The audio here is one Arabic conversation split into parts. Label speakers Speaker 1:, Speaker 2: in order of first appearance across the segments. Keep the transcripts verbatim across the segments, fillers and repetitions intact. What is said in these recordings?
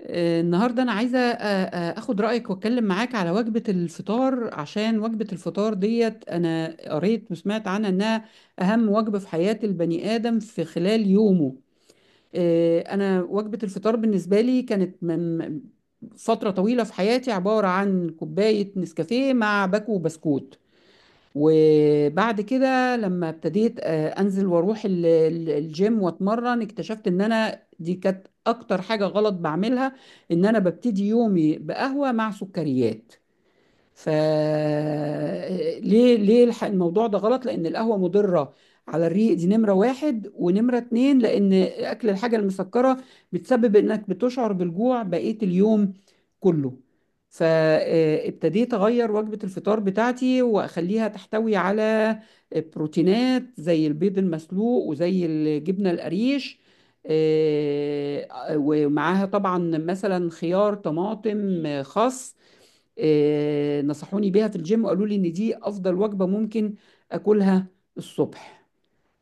Speaker 1: آه، النهارده انا عايزه آه، آه، اخد رايك واتكلم معاك على وجبه الفطار، عشان وجبه الفطار ديت انا قريت وسمعت عنها انها اهم وجبه في حياه البني ادم في خلال يومه. آه، انا وجبه الفطار بالنسبه لي كانت من فتره طويله في حياتي عباره عن كوبايه نسكافيه مع باكو وبسكوت، وبعد كده لما ابتديت آه، انزل واروح ال- ال- الجيم واتمرن اكتشفت ان انا دي كانت اكتر حاجة غلط بعملها، ان انا ببتدي يومي بقهوة مع سكريات. فليه ليه الح- الموضوع ده غلط؟ لأن القهوة مضرة على الريق، دي نمرة واحد، ونمرة اتنين لأن أكل الحاجة المسكرة بتسبب إنك بتشعر بالجوع بقية اليوم كله. فابتديت أغير وجبة الفطار بتاعتي وأخليها تحتوي على بروتينات زي البيض المسلوق وزي الجبنة القريش، آه، آه، ومعاها طبعا مثلا خيار، طماطم، آه، خس. آه، نصحوني بيها في الجيم وقالوا لي ان دي افضل وجبة ممكن اكلها الصبح.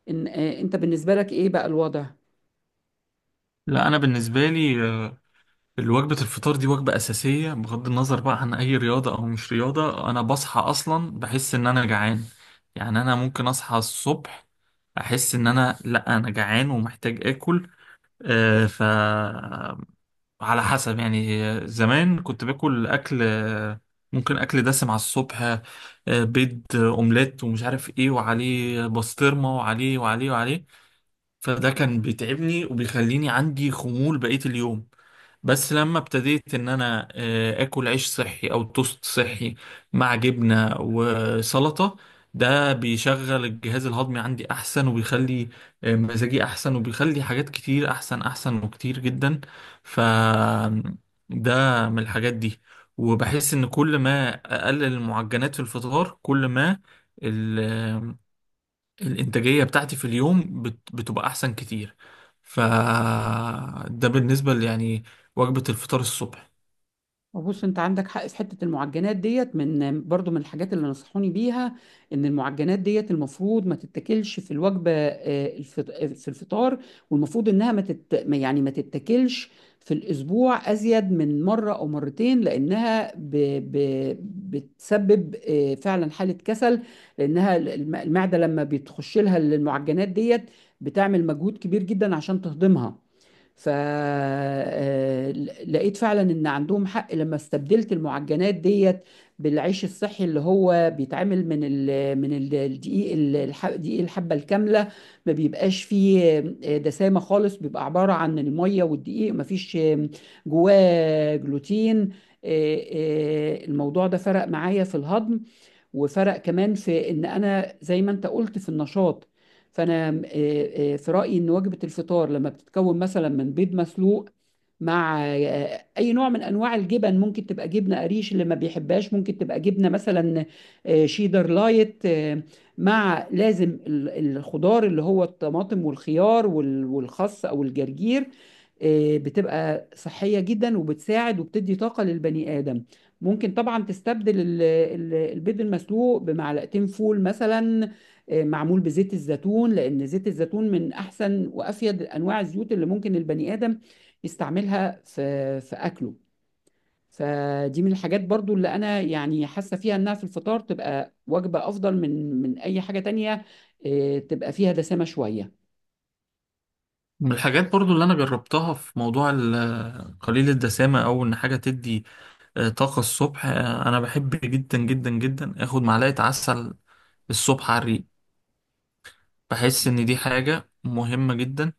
Speaker 1: إن آه، انت بالنسبة لك ايه بقى الوضع؟
Speaker 2: لا انا بالنسبه لي آه، الوجبه الفطار دي وجبه اساسيه بغض النظر بقى عن اي رياضه او مش رياضه. انا بصحى اصلا بحس ان انا جعان، يعني انا ممكن اصحى الصبح احس ان انا لا انا جعان ومحتاج اكل. آه، ف على حسب يعني، آه، زمان كنت باكل اكل آه، ممكن اكل دسم على الصبح، آه، بيض آه، اومليت ومش عارف ايه، وعليه بسطرمه وعليه وعليه وعليه. فده كان بيتعبني وبيخليني عندي خمول بقية اليوم. بس لما ابتديت ان انا آه، اكل عيش صحي او توست صحي مع جبنة وسلطة، ده بيشغل الجهاز الهضمي عندي احسن، وبيخلي آه، مزاجي احسن، وبيخلي حاجات كتير احسن احسن وكتير جدا. ف ده من الحاجات دي. وبحس ان كل ما اقلل المعجنات في الفطار، كل ما الإنتاجية بتاعتي في اليوم بت- بتبقى أحسن كتير. فده بالنسبة ل- يعني وجبة الفطار الصبح.
Speaker 1: بص، انت عندك حق في حته المعجنات ديت، من برضو من الحاجات اللي نصحوني بيها ان المعجنات ديت المفروض ما تتاكلش في الوجبه آه، الفط- آه، في الفطار، والمفروض انها ما تت... ما- يعني ما تتاكلش في الاسبوع ازيد من مره او مرتين، لانها ب... ب... بتسبب آه، فعلا حاله كسل، لانها الم- المعده لما بتخش لها المعجنات ديت بتعمل مجهود كبير جدا عشان تهضمها. فلقيت فعلا ان عندهم حق لما استبدلت المعجنات ديت بالعيش الصحي، اللي هو بيتعمل من ال من ال- الدقيق، ال- الح- دقيق الحبه الكامله. ما بيبقاش فيه آه، دسامه خالص، بيبقى عباره عن الميه والدقيق، ما فيش آه، جواه جلوتين. آه، آه، الموضوع ده فرق معايا في الهضم، وفرق كمان في ان انا زي ما انت قلت في النشاط. فانا آه، آه، في رايي ان وجبه الفطار لما بتتكون مثلا من بيض مسلوق مع آه، اي نوع من انواع الجبن، ممكن تبقى جبنه قريش، اللي ما بيحبهاش ممكن تبقى جبنه مثلا آه، شيدر لايت، آه، مع لازم ال- الخضار اللي هو الطماطم والخيار وال- والخس او الجرجير، آه، بتبقى صحيه جدا وبتساعد وبتدي طاقه للبني ادم. ممكن طبعا تستبدل ال- ال- البيض المسلوق بمعلقتين فول مثلا، آه، معمول بزيت الزيتون، لان زيت الزيتون من احسن وافيد انواع الزيوت اللي ممكن البني ادم يستعملها في في اكله. فدي من الحاجات برضو اللي انا يعني حاسه فيها انها في الفطار تبقى وجبه افضل من من اي حاجه تانية، آه، تبقى فيها دسامه شويه.
Speaker 2: من الحاجات برضو اللي أنا جربتها في موضوع ال- قليل الدسامة، أو إن حاجة تدي آه، طاقة الصبح، آه، أنا بحب جدا جدا جدا آخد معلقة عسل الصبح على الريق. بحس إن دي حاجة مهمة جدا،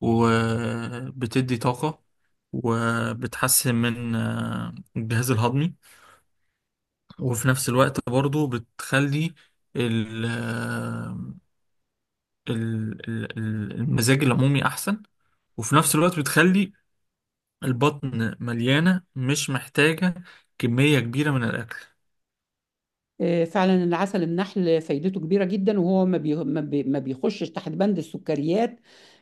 Speaker 2: وبتدي طاقة، وبتحسن من آه، الجهاز الهضمي، وفي نفس الوقت برضو بتخلي ال ال- ال- ال- المزاج العمومي أحسن، وفي نفس الوقت بتخلي البطن مليانة مش محتاجة كمية كبيرة من الأكل.
Speaker 1: آه، فعلا العسل النحل فايدته كبيرة جدا، وهو ما بي... ما بي... ما بيخشش تحت بند السكريات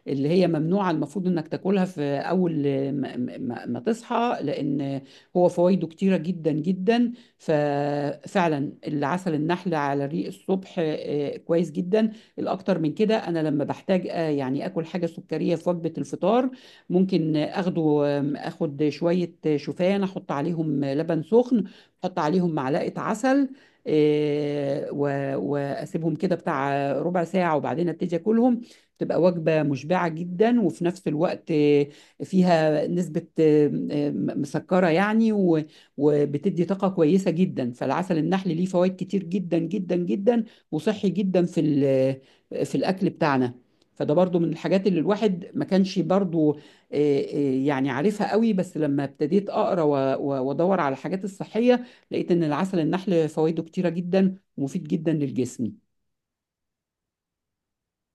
Speaker 1: اللي هي ممنوعة المفروض انك تاكلها في اول آه، ما, ما... ما تصحى، لان هو فوائده كتيرة جدا جدا. ففعلا العسل النحل على الريق الصبح آه، كويس جدا. الاكتر من كده انا لما بحتاج آه، يعني اكل حاجة سكرية في وجبة الفطار، ممكن اخده آم، اخد شوية شوفان، احط عليهم لبن سخن، احط عليهم معلقة عسل إيه، و- واسيبهم كده بتاع ربع ساعه، وبعدين ابتدي اكلهم. تبقى وجبه مشبعه جدا، وفي نفس الوقت إيه، فيها نسبه إيه، م- مسكره يعني، و- وبتدي طاقه كويسه جدا. فالعسل النحل ليه فوائد كتير جدا جدا جدا، وصحي جدا في ال- في الاكل بتاعنا. فده برضو من الحاجات اللي الواحد ما كانش برضو إيه، إيه، يعني عارفها قوي، بس لما ابتديت اقرا و- و- وادور على الحاجات الصحيه لقيت ان العسل النحل فوائده كتيره جدا ومفيد جدا للجسم.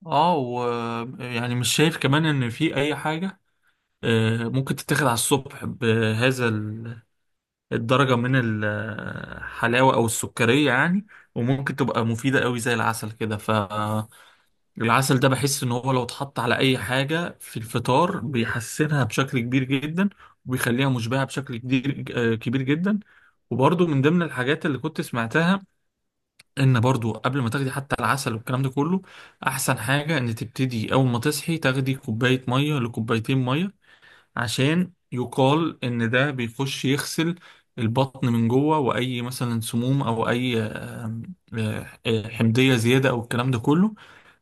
Speaker 2: اه، ويعني مش شايف كمان إن في أي حاجة آه، ممكن تتاخد على الصبح بهذا ال- الدرجة من الحلاوة أو السكرية يعني، وممكن تبقى مفيدة قوي زي العسل كده. ف العسل ده بحس ان هو لو اتحط على اي حاجة في الفطار بيحسنها بشكل كبير جدا، وبيخليها مشبعة بشكل كبير، آه، كبير جدا. وبرضو من ضمن الحاجات اللي كنت سمعتها ان برضو قبل ما تاخدي حتى العسل والكلام ده كله، احسن حاجة ان تبتدي اول ما تصحي تاخدي كوباية مية لكوبايتين مية، عشان يقال ان ده بيخش يغسل البطن من جوه واي مثلا سموم او اي آه، آه، آه، حمضية زيادة او الكلام ده كله.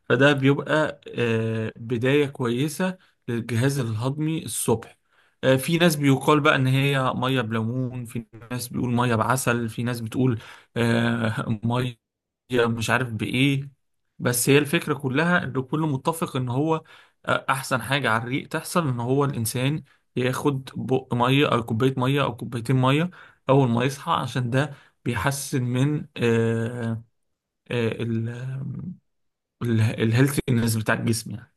Speaker 2: فده بيبقى آه، بداية كويسة للجهاز الهضمي الصبح. آه، في ناس بيقال بقى ان هي ميه بليمون، في ناس بيقول ميه بعسل، في ناس بتقول آه، ميه مش عارف بايه. بس هي الفكرة كلها ان كله متفق ان هو آه، احسن حاجة على الريق تحصل ان هو الانسان ياخد بق ميه او كوباية ميه او كوبايتين ميه اول ما يصحى، عشان ده بيحسن من آه، آه، ال- الهيلثينess بتاع الجسم يعني.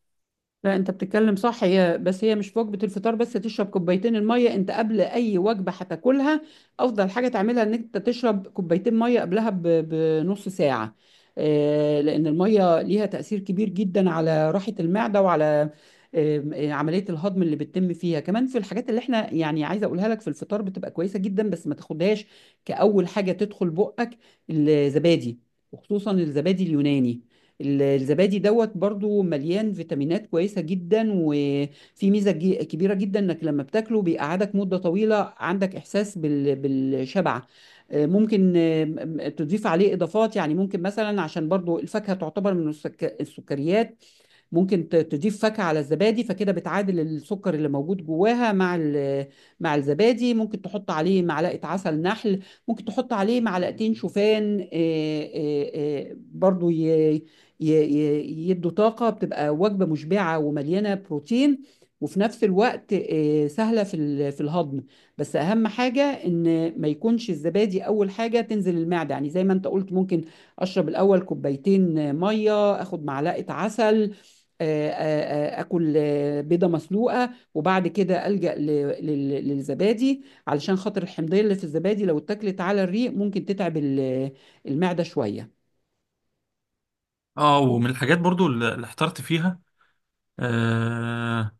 Speaker 1: لا، انت بتتكلم صح، هي بس هي مش في وجبه الفطار بس تشرب كوبايتين الميه، انت قبل اي وجبه هتاكلها افضل حاجه تعملها ان انت تشرب كوبايتين ميه قبلها ب- بنص ساعه، آه، لان الميه ليها تاثير كبير جدا على راحه المعده وعلى آم، آه، عمليه الهضم اللي بتتم فيها. كمان في الحاجات اللي احنا يعني عايزه اقولها لك في الفطار بتبقى كويسه جدا، بس ما تاخدهاش كاول حاجه تدخل بقك: الزبادي، وخصوصا الزبادي اليوناني. ال- الزبادي دوت برضو مليان فيتامينات كويسة جدا، وفي ميزة جي- كبيرة جدا انك لما بتاكله بيقعدك مدة طويلة عندك احساس بال- بالشبع. آه، ممكن آه، م- م- تضيف عليه اضافات، يعني ممكن مثلا عشان برضو الفاكهة تعتبر من السك- السكريات، ممكن ت- تضيف فاكهة على الزبادي، فكده بتعادل السكر اللي موجود جواها مع ال- مع الزبادي. ممكن تحط عليه معلقة عسل نحل، ممكن تحط عليه معلقتين شوفان، آه، آه، آه، برضو ي- ي- ي- يدوا طاقة، بتبقى وجبة مشبعة ومليانة بروتين، وفي نفس الوقت آه، سهلة في ال- في الهضم. بس أهم حاجة إن ما يكونش الزبادي أول حاجة تنزل المعدة، يعني زي ما أنت قلت ممكن أشرب الأول كوبايتين مية، أخد معلقة عسل، آه، آه، آه، اكل آه، بيضه مسلوقه، وبعد كده الجا ل- لل- للزبادي، علشان خاطر الحمضيه اللي في الزبادي لو اتاكلت على الريق ممكن تتعب ال- المعده شويه.
Speaker 2: اه، ومن الحاجات برضو اللي اللي احترت فيها آه،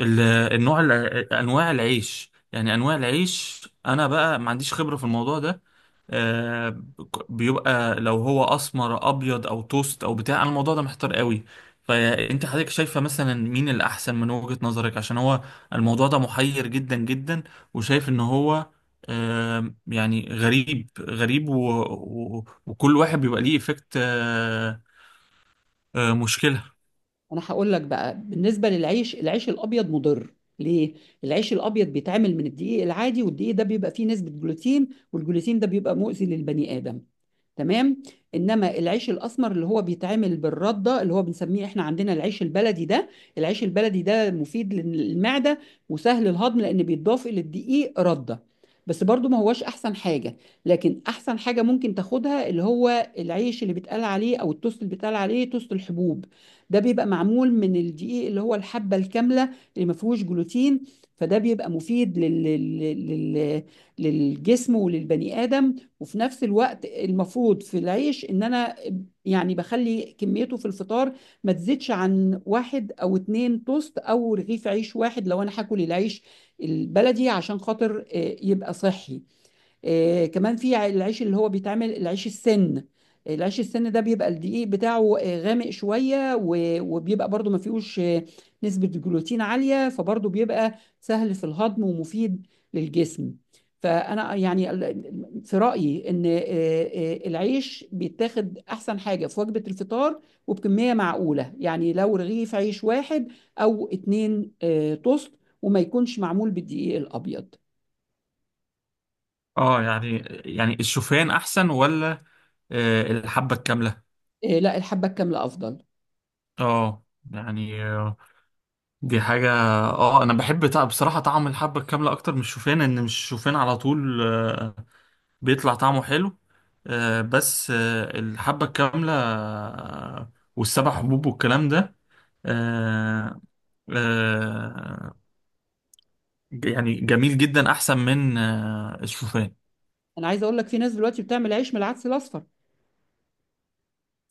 Speaker 2: ال- النوع الع- انواع العيش، يعني انواع العيش انا بقى ما عنديش خبرة في الموضوع ده. آه، ك- بيبقى لو هو اسمر ابيض او توست او بتاع، انا الموضوع ده محتار قوي. فانت حضرتك شايفة مثلا مين الاحسن من وجهة نظرك؟ عشان هو الموضوع ده محير جدا جدا، وشايف ان هو آه، يعني غريب غريب و... و... وكل واحد بيبقى ليه افكت مشكلة.
Speaker 1: انا هقول لك بقى بالنسبه للعيش: العيش الابيض مضر. ليه؟ العيش الابيض بيتعمل من الدقيق العادي، والدقيق ده بيبقى فيه نسبه جلوتين، والجلوتين ده بيبقى مؤذي للبني ادم، تمام؟ انما العيش الاسمر اللي هو بيتعمل بالرده، اللي هو بنسميه احنا عندنا العيش البلدي ده، العيش البلدي ده مفيد للمعده وسهل الهضم، لان بيتضاف الى الدقيق رده. بس برضو ما هوش احسن حاجه، لكن احسن حاجه ممكن تاخدها اللي هو العيش اللي بيتقال عليه او التوست اللي بيتقال عليه توست الحبوب، ده بيبقى معمول من الدقيق اللي هو الحبه الكامله، اللي ما فيهوش جلوتين، فده بيبقى مفيد لل... لل... لل... للجسم وللبني ادم. وفي نفس الوقت المفروض في العيش ان انا يعني بخلي كميته في الفطار ما تزيدش عن واحد او اتنين توست، او رغيف عيش واحد لو انا هاكل العيش البلدي، عشان خاطر آه، يبقى صحي. آه، كمان في ع- العيش اللي هو بيتعمل العيش السن، العيش السن ده بيبقى الدقيق بتاعه آه، غامق شوية، و- وبيبقى برضو ما فيهوش آه، نسبة الجلوتين عالية، فبرضو بيبقى سهل في الهضم ومفيد للجسم. فأنا يعني ال- في رأيي إن آه، آه، العيش بيتاخد أحسن حاجة في وجبة الفطار، وبكمية معقولة، يعني لو رغيف عيش واحد أو اتنين آه، توست، وما يكونش معمول بالدقيق الأبيض.
Speaker 2: اه يعني، يعني الشوفان احسن ولا آه، الحبة الكاملة؟
Speaker 1: آه، لا، الحبة الكاملة أفضل.
Speaker 2: اه يعني آه، دي حاجة. اه انا بحب تع- بصراحة طعم الحبة الكاملة اكتر من الشوفان، ان مش الشوفان على طول آه، بيطلع طعمه حلو. آه، بس آه، الحبة الكاملة آه، والسبع حبوب والكلام ده آه، آه، يعني جميل جدا، احسن من آه، الشوفان.
Speaker 1: انا عايز اقول لك في ناس دلوقتي بتعمل عيش من العدس الاصفر،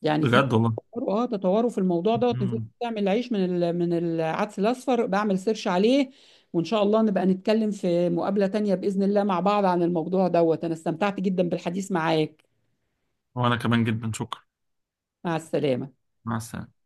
Speaker 1: يعني في
Speaker 2: بجد والله.
Speaker 1: تطوروا- اه تطوروا في الموضوع دوت، ان في ناس
Speaker 2: مم.
Speaker 1: بتعمل عيش من ال- من العدس الاصفر، بعمل سيرش عليه. وان شاء الله نبقى نتكلم في مقابلة تانية باذن الله مع بعض عن الموضوع دوت. انا استمتعت جدا بالحديث معاك.
Speaker 2: وانا كمان جدا، شكرا.
Speaker 1: مع السلامة.
Speaker 2: مع السلامة.